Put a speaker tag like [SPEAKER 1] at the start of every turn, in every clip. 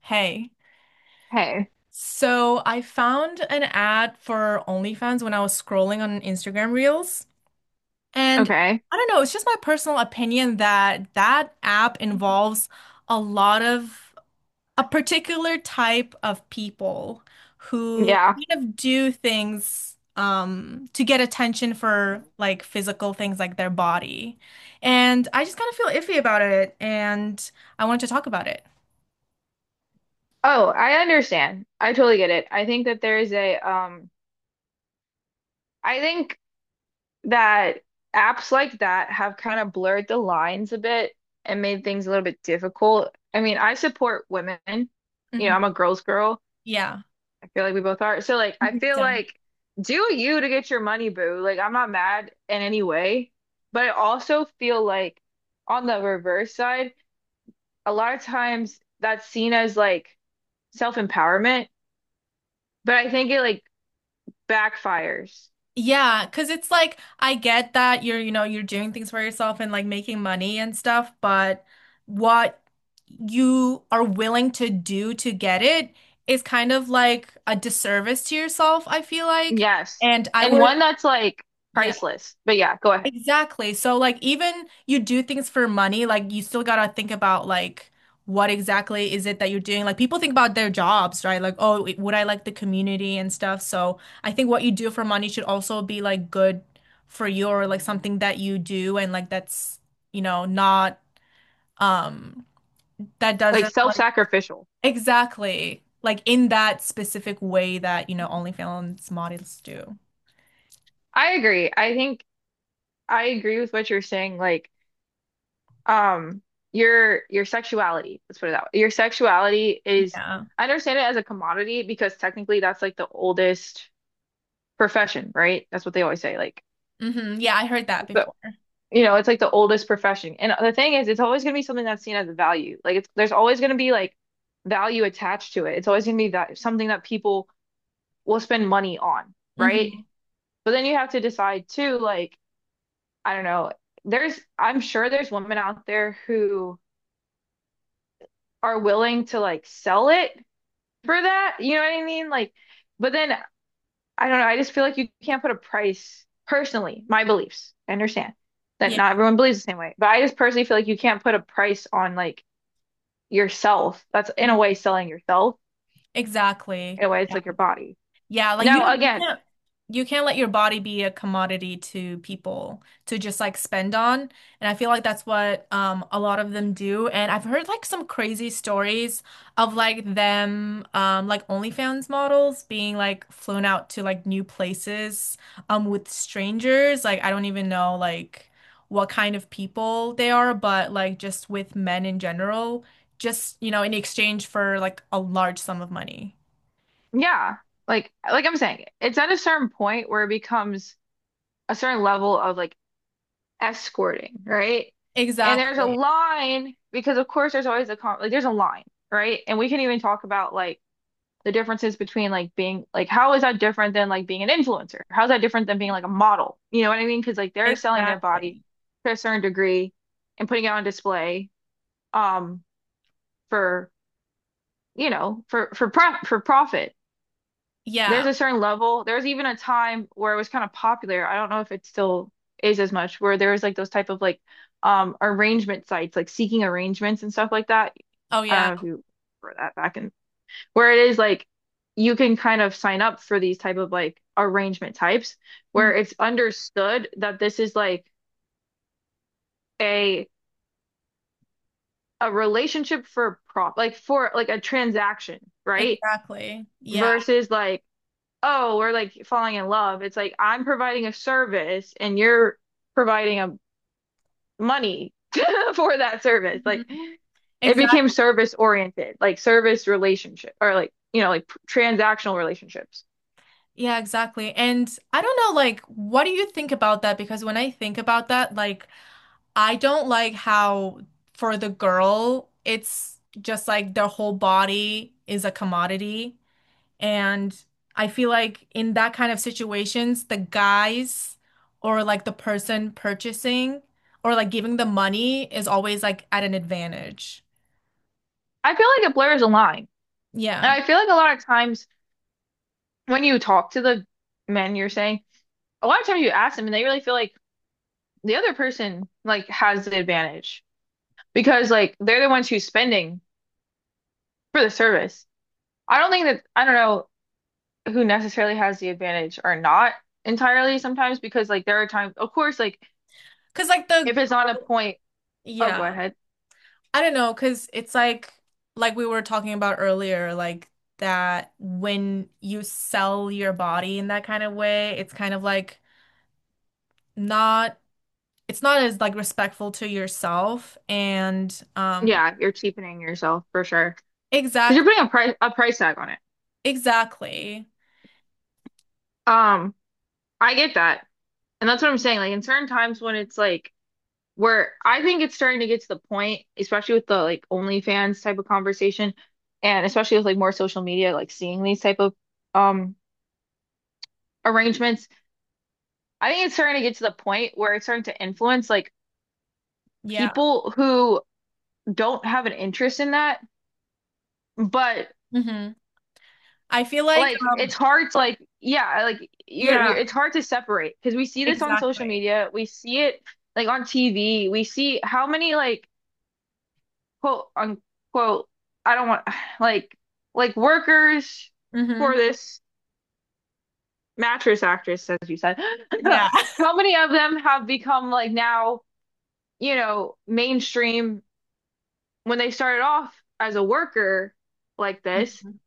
[SPEAKER 1] Hey,
[SPEAKER 2] Hey.
[SPEAKER 1] so I found an ad for OnlyFans when I was scrolling on Instagram Reels, and
[SPEAKER 2] Okay.
[SPEAKER 1] I don't know, it's just my personal opinion that that app involves a lot of a particular type of people who
[SPEAKER 2] Yeah.
[SPEAKER 1] kind of do things to get attention for like physical things like their body. And I just kind of feel iffy about it and I wanted to talk about it.
[SPEAKER 2] Oh, I understand. I totally get it. I think that there is a I think that apps like that have kind of blurred the lines a bit and made things a little bit difficult. I mean, I support women. You know,
[SPEAKER 1] Mhm.
[SPEAKER 2] I'm a girl's girl.
[SPEAKER 1] Yeah.
[SPEAKER 2] I feel like we both are. So like I
[SPEAKER 1] Mhm.
[SPEAKER 2] feel
[SPEAKER 1] So-
[SPEAKER 2] like do you to get your money, boo. Like I'm not mad in any way, but I also feel like on the reverse side, a lot of times that's seen as like self-empowerment, but I think it like backfires.
[SPEAKER 1] Yeah, because it's like I get that you're, you know, you're doing things for yourself and like making money and stuff, but what you are willing to do to get it is kind of like a disservice to yourself, I feel like.
[SPEAKER 2] Yes.
[SPEAKER 1] And I
[SPEAKER 2] And
[SPEAKER 1] would,
[SPEAKER 2] one that's like
[SPEAKER 1] yeah.
[SPEAKER 2] priceless. But yeah, go ahead.
[SPEAKER 1] Exactly. So like even you do things for money, like you still gotta think about like what exactly is it that you're doing. Like people think about their jobs, right? Like, oh, would I like the community and stuff? So I think what you do for money should also be like good for you or like something that you do and like that's, you know, not um that
[SPEAKER 2] Like
[SPEAKER 1] doesn't like
[SPEAKER 2] self-sacrificial.
[SPEAKER 1] exactly like in that specific way that, you know, OnlyFans models do.
[SPEAKER 2] I agree. I think I agree with what you're saying. Like, um, your sexuality, let's put it that way. Your sexuality is
[SPEAKER 1] Yeah.
[SPEAKER 2] I understand it as a commodity because technically that's like the oldest profession, right? That's what they always say. Like
[SPEAKER 1] Hmm. Yeah, I heard that
[SPEAKER 2] the
[SPEAKER 1] before.
[SPEAKER 2] You know, it's like the oldest profession. And the thing is, it's always going to be something that's seen as a value. Like it's there's always going to be like value attached to it. It's always going to be that something that people will spend money on, right?
[SPEAKER 1] Hmm.
[SPEAKER 2] But then you have to decide too, like, I don't know, there's I'm sure there's women out there who are willing to like sell it for that. You know what I mean? Like, but then I don't know, I just feel like you can't put a price personally, my beliefs. I understand that not
[SPEAKER 1] Yeah.
[SPEAKER 2] everyone believes the same way, but I just personally feel like you can't put a price on like yourself. That's in
[SPEAKER 1] Mm-hmm.
[SPEAKER 2] a way selling yourself.
[SPEAKER 1] Exactly.
[SPEAKER 2] In a way, it's like your body.
[SPEAKER 1] Yeah, like
[SPEAKER 2] Now, again,
[SPEAKER 1] you can't let your body be a commodity to people to just like spend on. And I feel like that's what a lot of them do. And I've heard like some crazy stories of like them like OnlyFans models being like flown out to like new places with strangers. Like I don't even know like what kind of people they are, but like just with men in general, just you know, in exchange for like a large sum of money.
[SPEAKER 2] yeah, like I'm saying, it's at a certain point where it becomes a certain level of like escorting, right? And there's a
[SPEAKER 1] Exactly.
[SPEAKER 2] line because of course there's always a con like there's a line, right? And we can even talk about like the differences between like being like how is that different than like being an influencer? How's that different than being like a model? You know what I mean? Because like they're selling their body
[SPEAKER 1] Exactly.
[SPEAKER 2] to a certain degree and putting it on display um for you know, for pro for profit. There's
[SPEAKER 1] Yeah.
[SPEAKER 2] a certain level. There's even a time where it was kind of popular. I don't know if it still is as much, where there was like those type of like arrangement sites, like seeking arrangements and stuff like that.
[SPEAKER 1] Oh,
[SPEAKER 2] I don't
[SPEAKER 1] yeah.
[SPEAKER 2] know if you remember that back in where it is like you can kind of sign up for these type of like arrangement types where
[SPEAKER 1] Mhm.
[SPEAKER 2] it's understood that this is like a a relationship for prop like for like a transaction, right?
[SPEAKER 1] Exactly. Yeah.
[SPEAKER 2] Versus like oh, we're like falling in love. It's like I'm providing a service and you're providing a money for that service.
[SPEAKER 1] Mhm.
[SPEAKER 2] Like it
[SPEAKER 1] Exact.
[SPEAKER 2] became service oriented, like service relationship or like, you know, like transactional relationships.
[SPEAKER 1] Yeah, exactly. And I don't know, like, what do you think about that? Because when I think about that, like, I don't like how for the girl, it's just like their whole body is a commodity. And I feel like in that kind of situations, the guys or like the person purchasing or like giving the money is always like at an advantage.
[SPEAKER 2] I feel like it blurs the line. And
[SPEAKER 1] Yeah.
[SPEAKER 2] I feel like a lot of times when you talk to the men you're saying, a lot of times you ask them and they really feel like the other person like has the advantage because like they're the ones who's spending for the service. I don't think that I don't know who necessarily has the advantage are not entirely sometimes because like there are times of course like
[SPEAKER 1] Cause like the
[SPEAKER 2] if it's on a
[SPEAKER 1] girl,
[SPEAKER 2] point oh go
[SPEAKER 1] yeah.
[SPEAKER 2] ahead
[SPEAKER 1] I don't know, cause it's like we were talking about earlier, like that when you sell your body in that kind of way, it's kind of like not it's not as like respectful to yourself and
[SPEAKER 2] yeah you're cheapening yourself for sure because you're
[SPEAKER 1] exactly
[SPEAKER 2] putting a price tag on it
[SPEAKER 1] exactly.
[SPEAKER 2] um I get that and that's what I'm saying like in certain times when it's like where I think it's starting to get to the point especially with the like OnlyFans type of conversation and especially with like more social media like seeing these type of um arrangements I think it's starting to get to the point where it's starting to influence like
[SPEAKER 1] Yeah.
[SPEAKER 2] people who don't have an interest in that, but
[SPEAKER 1] Hmm. I feel like
[SPEAKER 2] like it's hard to like yeah, like you
[SPEAKER 1] yeah,
[SPEAKER 2] it's hard to separate because we see this on social
[SPEAKER 1] exactly.
[SPEAKER 2] media, we see it like on TV, we see how many like quote unquote I don't want like like workers for
[SPEAKER 1] Hmm.
[SPEAKER 2] this mattress actress as you said.
[SPEAKER 1] Yeah.
[SPEAKER 2] How many of them have become like now, you know, mainstream when they started off as a worker like this
[SPEAKER 1] Mhm.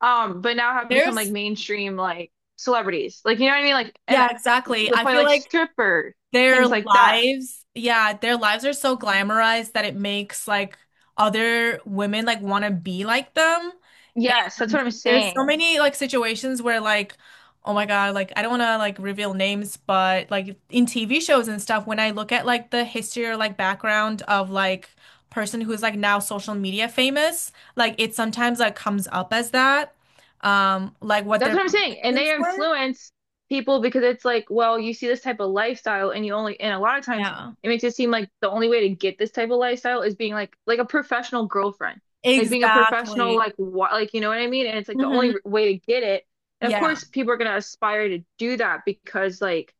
[SPEAKER 2] But now have become like
[SPEAKER 1] There's
[SPEAKER 2] mainstream like celebrities. Like you know what I mean? Like and
[SPEAKER 1] yeah,
[SPEAKER 2] to
[SPEAKER 1] exactly.
[SPEAKER 2] the
[SPEAKER 1] I
[SPEAKER 2] point
[SPEAKER 1] feel
[SPEAKER 2] like
[SPEAKER 1] like
[SPEAKER 2] stripper,
[SPEAKER 1] their
[SPEAKER 2] things like that.
[SPEAKER 1] lives, yeah, their lives are so glamorized that it makes like other women like want to be like them.
[SPEAKER 2] Yes, that's
[SPEAKER 1] And
[SPEAKER 2] what I'm
[SPEAKER 1] there's so
[SPEAKER 2] saying.
[SPEAKER 1] many like situations where like, oh my God, like I don't want to like reveal names, but like in TV shows and stuff, when I look at like the history or like background of like person who's like now social media famous, like it sometimes like comes up as that, like what
[SPEAKER 2] That's
[SPEAKER 1] their
[SPEAKER 2] what I'm saying. And they
[SPEAKER 1] professions were.
[SPEAKER 2] influence people because it's like, well, you see this type of lifestyle and you only, and a lot of times
[SPEAKER 1] Yeah.
[SPEAKER 2] it makes it seem like the only way to get this type of lifestyle is being like a professional girlfriend, like being a professional,
[SPEAKER 1] Exactly.
[SPEAKER 2] like what, like, you know what I mean? And it's like the
[SPEAKER 1] Hmm.
[SPEAKER 2] only r- way to get it. And of
[SPEAKER 1] Yeah.
[SPEAKER 2] course, people are going to aspire to do that because like,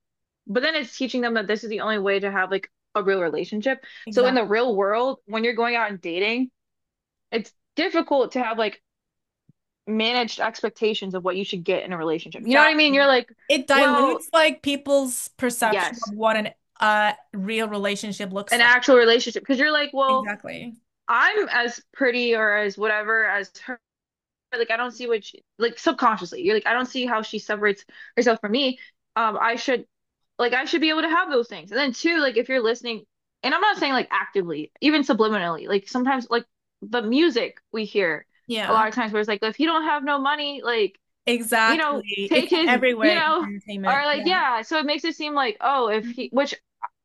[SPEAKER 2] but then it's teaching them that this is the only way to have like a real relationship. So in
[SPEAKER 1] Exactly.
[SPEAKER 2] the real world, when you're going out and dating, it's difficult to have like managed expectations of what you should get in a relationship. You know what I mean? You're
[SPEAKER 1] Exactly.
[SPEAKER 2] like,
[SPEAKER 1] It
[SPEAKER 2] well,
[SPEAKER 1] dilutes like people's perception
[SPEAKER 2] yes,
[SPEAKER 1] of what an real relationship looks
[SPEAKER 2] an
[SPEAKER 1] like.
[SPEAKER 2] actual relationship. Because you're like, well,
[SPEAKER 1] Exactly.
[SPEAKER 2] I'm as pretty or as whatever as her. Like, I don't see what she, like subconsciously, you're like, I don't see how she separates herself from me. I should, like, I should be able to have those things. And then two, like, if you're listening, and I'm not saying like actively, even subliminally, like sometimes like the music we hear a
[SPEAKER 1] Yeah.
[SPEAKER 2] lot of times where it's like, if you don't have no money, like you know,
[SPEAKER 1] Exactly. It's
[SPEAKER 2] take
[SPEAKER 1] like
[SPEAKER 2] his, you
[SPEAKER 1] everywhere in
[SPEAKER 2] know, or
[SPEAKER 1] entertainment.
[SPEAKER 2] like,
[SPEAKER 1] Yeah.
[SPEAKER 2] yeah. So it makes it seem like, oh, if he,
[SPEAKER 1] Mhm.
[SPEAKER 2] which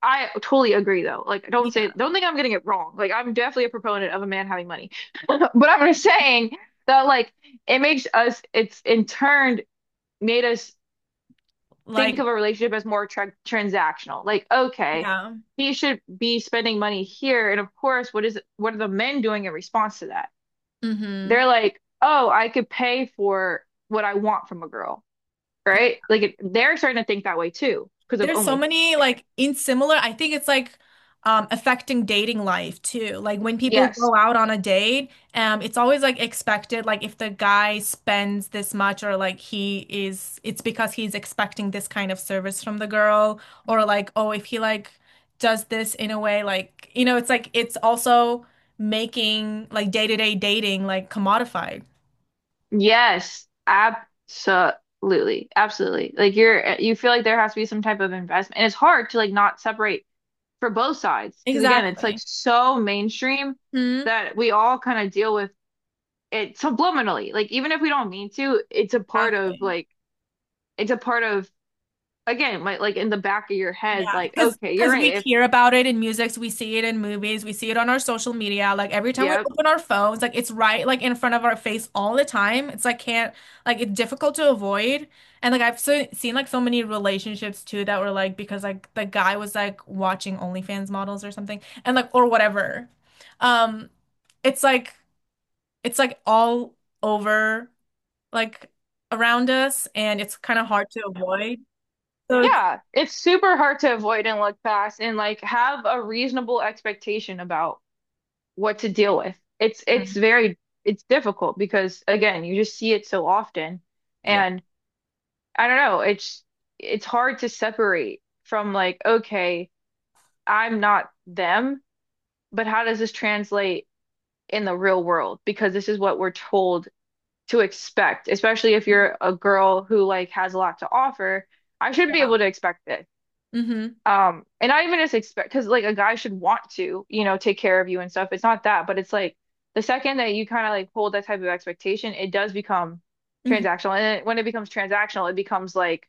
[SPEAKER 2] I totally agree though. Like, don't say,
[SPEAKER 1] Yeah.
[SPEAKER 2] don't think I'm getting it wrong. Like, I'm definitely a proponent of a man having money, but I'm just saying that, like, it makes us, it's in turn made us think
[SPEAKER 1] Like,
[SPEAKER 2] of a relationship as more transactional. Like, okay,
[SPEAKER 1] yeah.
[SPEAKER 2] he should be spending money here. And of course, what is, what are the men doing in response to that?
[SPEAKER 1] Mm-hmm.
[SPEAKER 2] They're like, oh, I could pay for what I want from a girl right? Like it, they're starting to think that way too because of
[SPEAKER 1] There's so
[SPEAKER 2] only.
[SPEAKER 1] many like in similar, I think it's like affecting dating life too. Like when people
[SPEAKER 2] Yes.
[SPEAKER 1] go out on a date, it's always like expected like if the guy spends this much or like he is it's because he's expecting this kind of service from the girl or like oh if he like does this in a way like you know it's like it's also making like day-to-day dating like commodified.
[SPEAKER 2] Yes. Absolutely. Absolutely. Like you're you feel like there has to be some type of investment. And it's hard to like not separate for both sides because again, it's like
[SPEAKER 1] Exactly.
[SPEAKER 2] so mainstream
[SPEAKER 1] Hmm.
[SPEAKER 2] that we all kind of deal with it subliminally. Like even if we don't mean to, it's a part of
[SPEAKER 1] Exactly.
[SPEAKER 2] like it's a part of again, like in the back of your head
[SPEAKER 1] Yeah,
[SPEAKER 2] like okay, you're
[SPEAKER 1] because
[SPEAKER 2] right.
[SPEAKER 1] we
[SPEAKER 2] If
[SPEAKER 1] hear about it in music, we see it in movies, we see it on our social media. Like every time we
[SPEAKER 2] yeah,
[SPEAKER 1] open our phones, like it's right like in front of our face all the time. It's like can't like it's difficult to avoid. And like I've so, seen like so many relationships too that were like because like the guy was like watching OnlyFans models or something and like or whatever. Um, it's like it's like all over like around us and it's kind of hard to avoid. So it's
[SPEAKER 2] yeah, it's super hard to avoid and look past and like have a reasonable expectation about what to deal with. It's
[SPEAKER 1] Mhm.
[SPEAKER 2] very it's difficult because again, you just see it so often
[SPEAKER 1] yeah.
[SPEAKER 2] and I don't know, it's hard to separate from like, okay, I'm not them, but how does this translate in the real world? Because this is what we're told to expect, especially if you're a girl who like has a lot to offer. I should be
[SPEAKER 1] Yeah.
[SPEAKER 2] able to expect this.
[SPEAKER 1] Hmm.
[SPEAKER 2] And not even just expect because like a guy should want to, you know, take care of you and stuff. It's not that, but it's like the second that you kind of like hold that type of expectation, it does become
[SPEAKER 1] Mhm.
[SPEAKER 2] transactional. And it, when it becomes transactional, it becomes like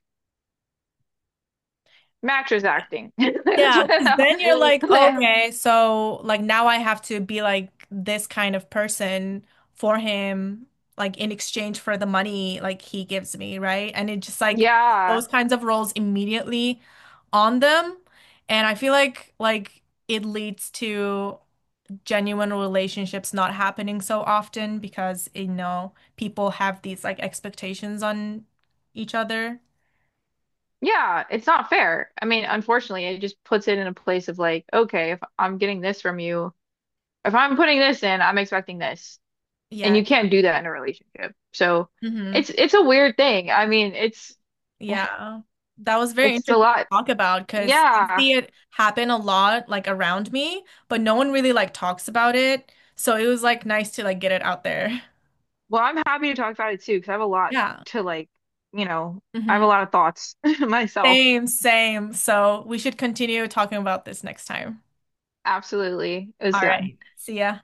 [SPEAKER 2] mattress acting. That's
[SPEAKER 1] Yeah,
[SPEAKER 2] what
[SPEAKER 1] because then you're like,
[SPEAKER 2] I-
[SPEAKER 1] okay, so like now I have to be like this kind of person for him, like in exchange for the money like he gives me, right? And it just like
[SPEAKER 2] Yeah.
[SPEAKER 1] those kinds of roles immediately on them. And I feel like it leads to genuine relationships not happening so often because you know people have these like expectations on each other.
[SPEAKER 2] Yeah, it's not fair. I mean, unfortunately, it just puts it in a place of like, okay, if I'm getting this from you, if I'm putting this in, I'm expecting this. And
[SPEAKER 1] Yeah.
[SPEAKER 2] you can't do that in a relationship. So
[SPEAKER 1] Mhm.
[SPEAKER 2] it's a weird thing. I mean,
[SPEAKER 1] Yeah. That was very
[SPEAKER 2] it's a
[SPEAKER 1] interesting to
[SPEAKER 2] lot.
[SPEAKER 1] talk about because I
[SPEAKER 2] Yeah.
[SPEAKER 1] see it happen a lot like around me, but no one really like talks about it. So it was like nice to like get it out there.
[SPEAKER 2] Well, I'm happy to talk about it too, because I have a lot
[SPEAKER 1] Yeah.
[SPEAKER 2] to like, you know, I have a
[SPEAKER 1] Hmm.
[SPEAKER 2] lot of thoughts myself.
[SPEAKER 1] Same, same. So we should continue talking about this next time.
[SPEAKER 2] Absolutely. It was
[SPEAKER 1] All
[SPEAKER 2] good.
[SPEAKER 1] right. See ya.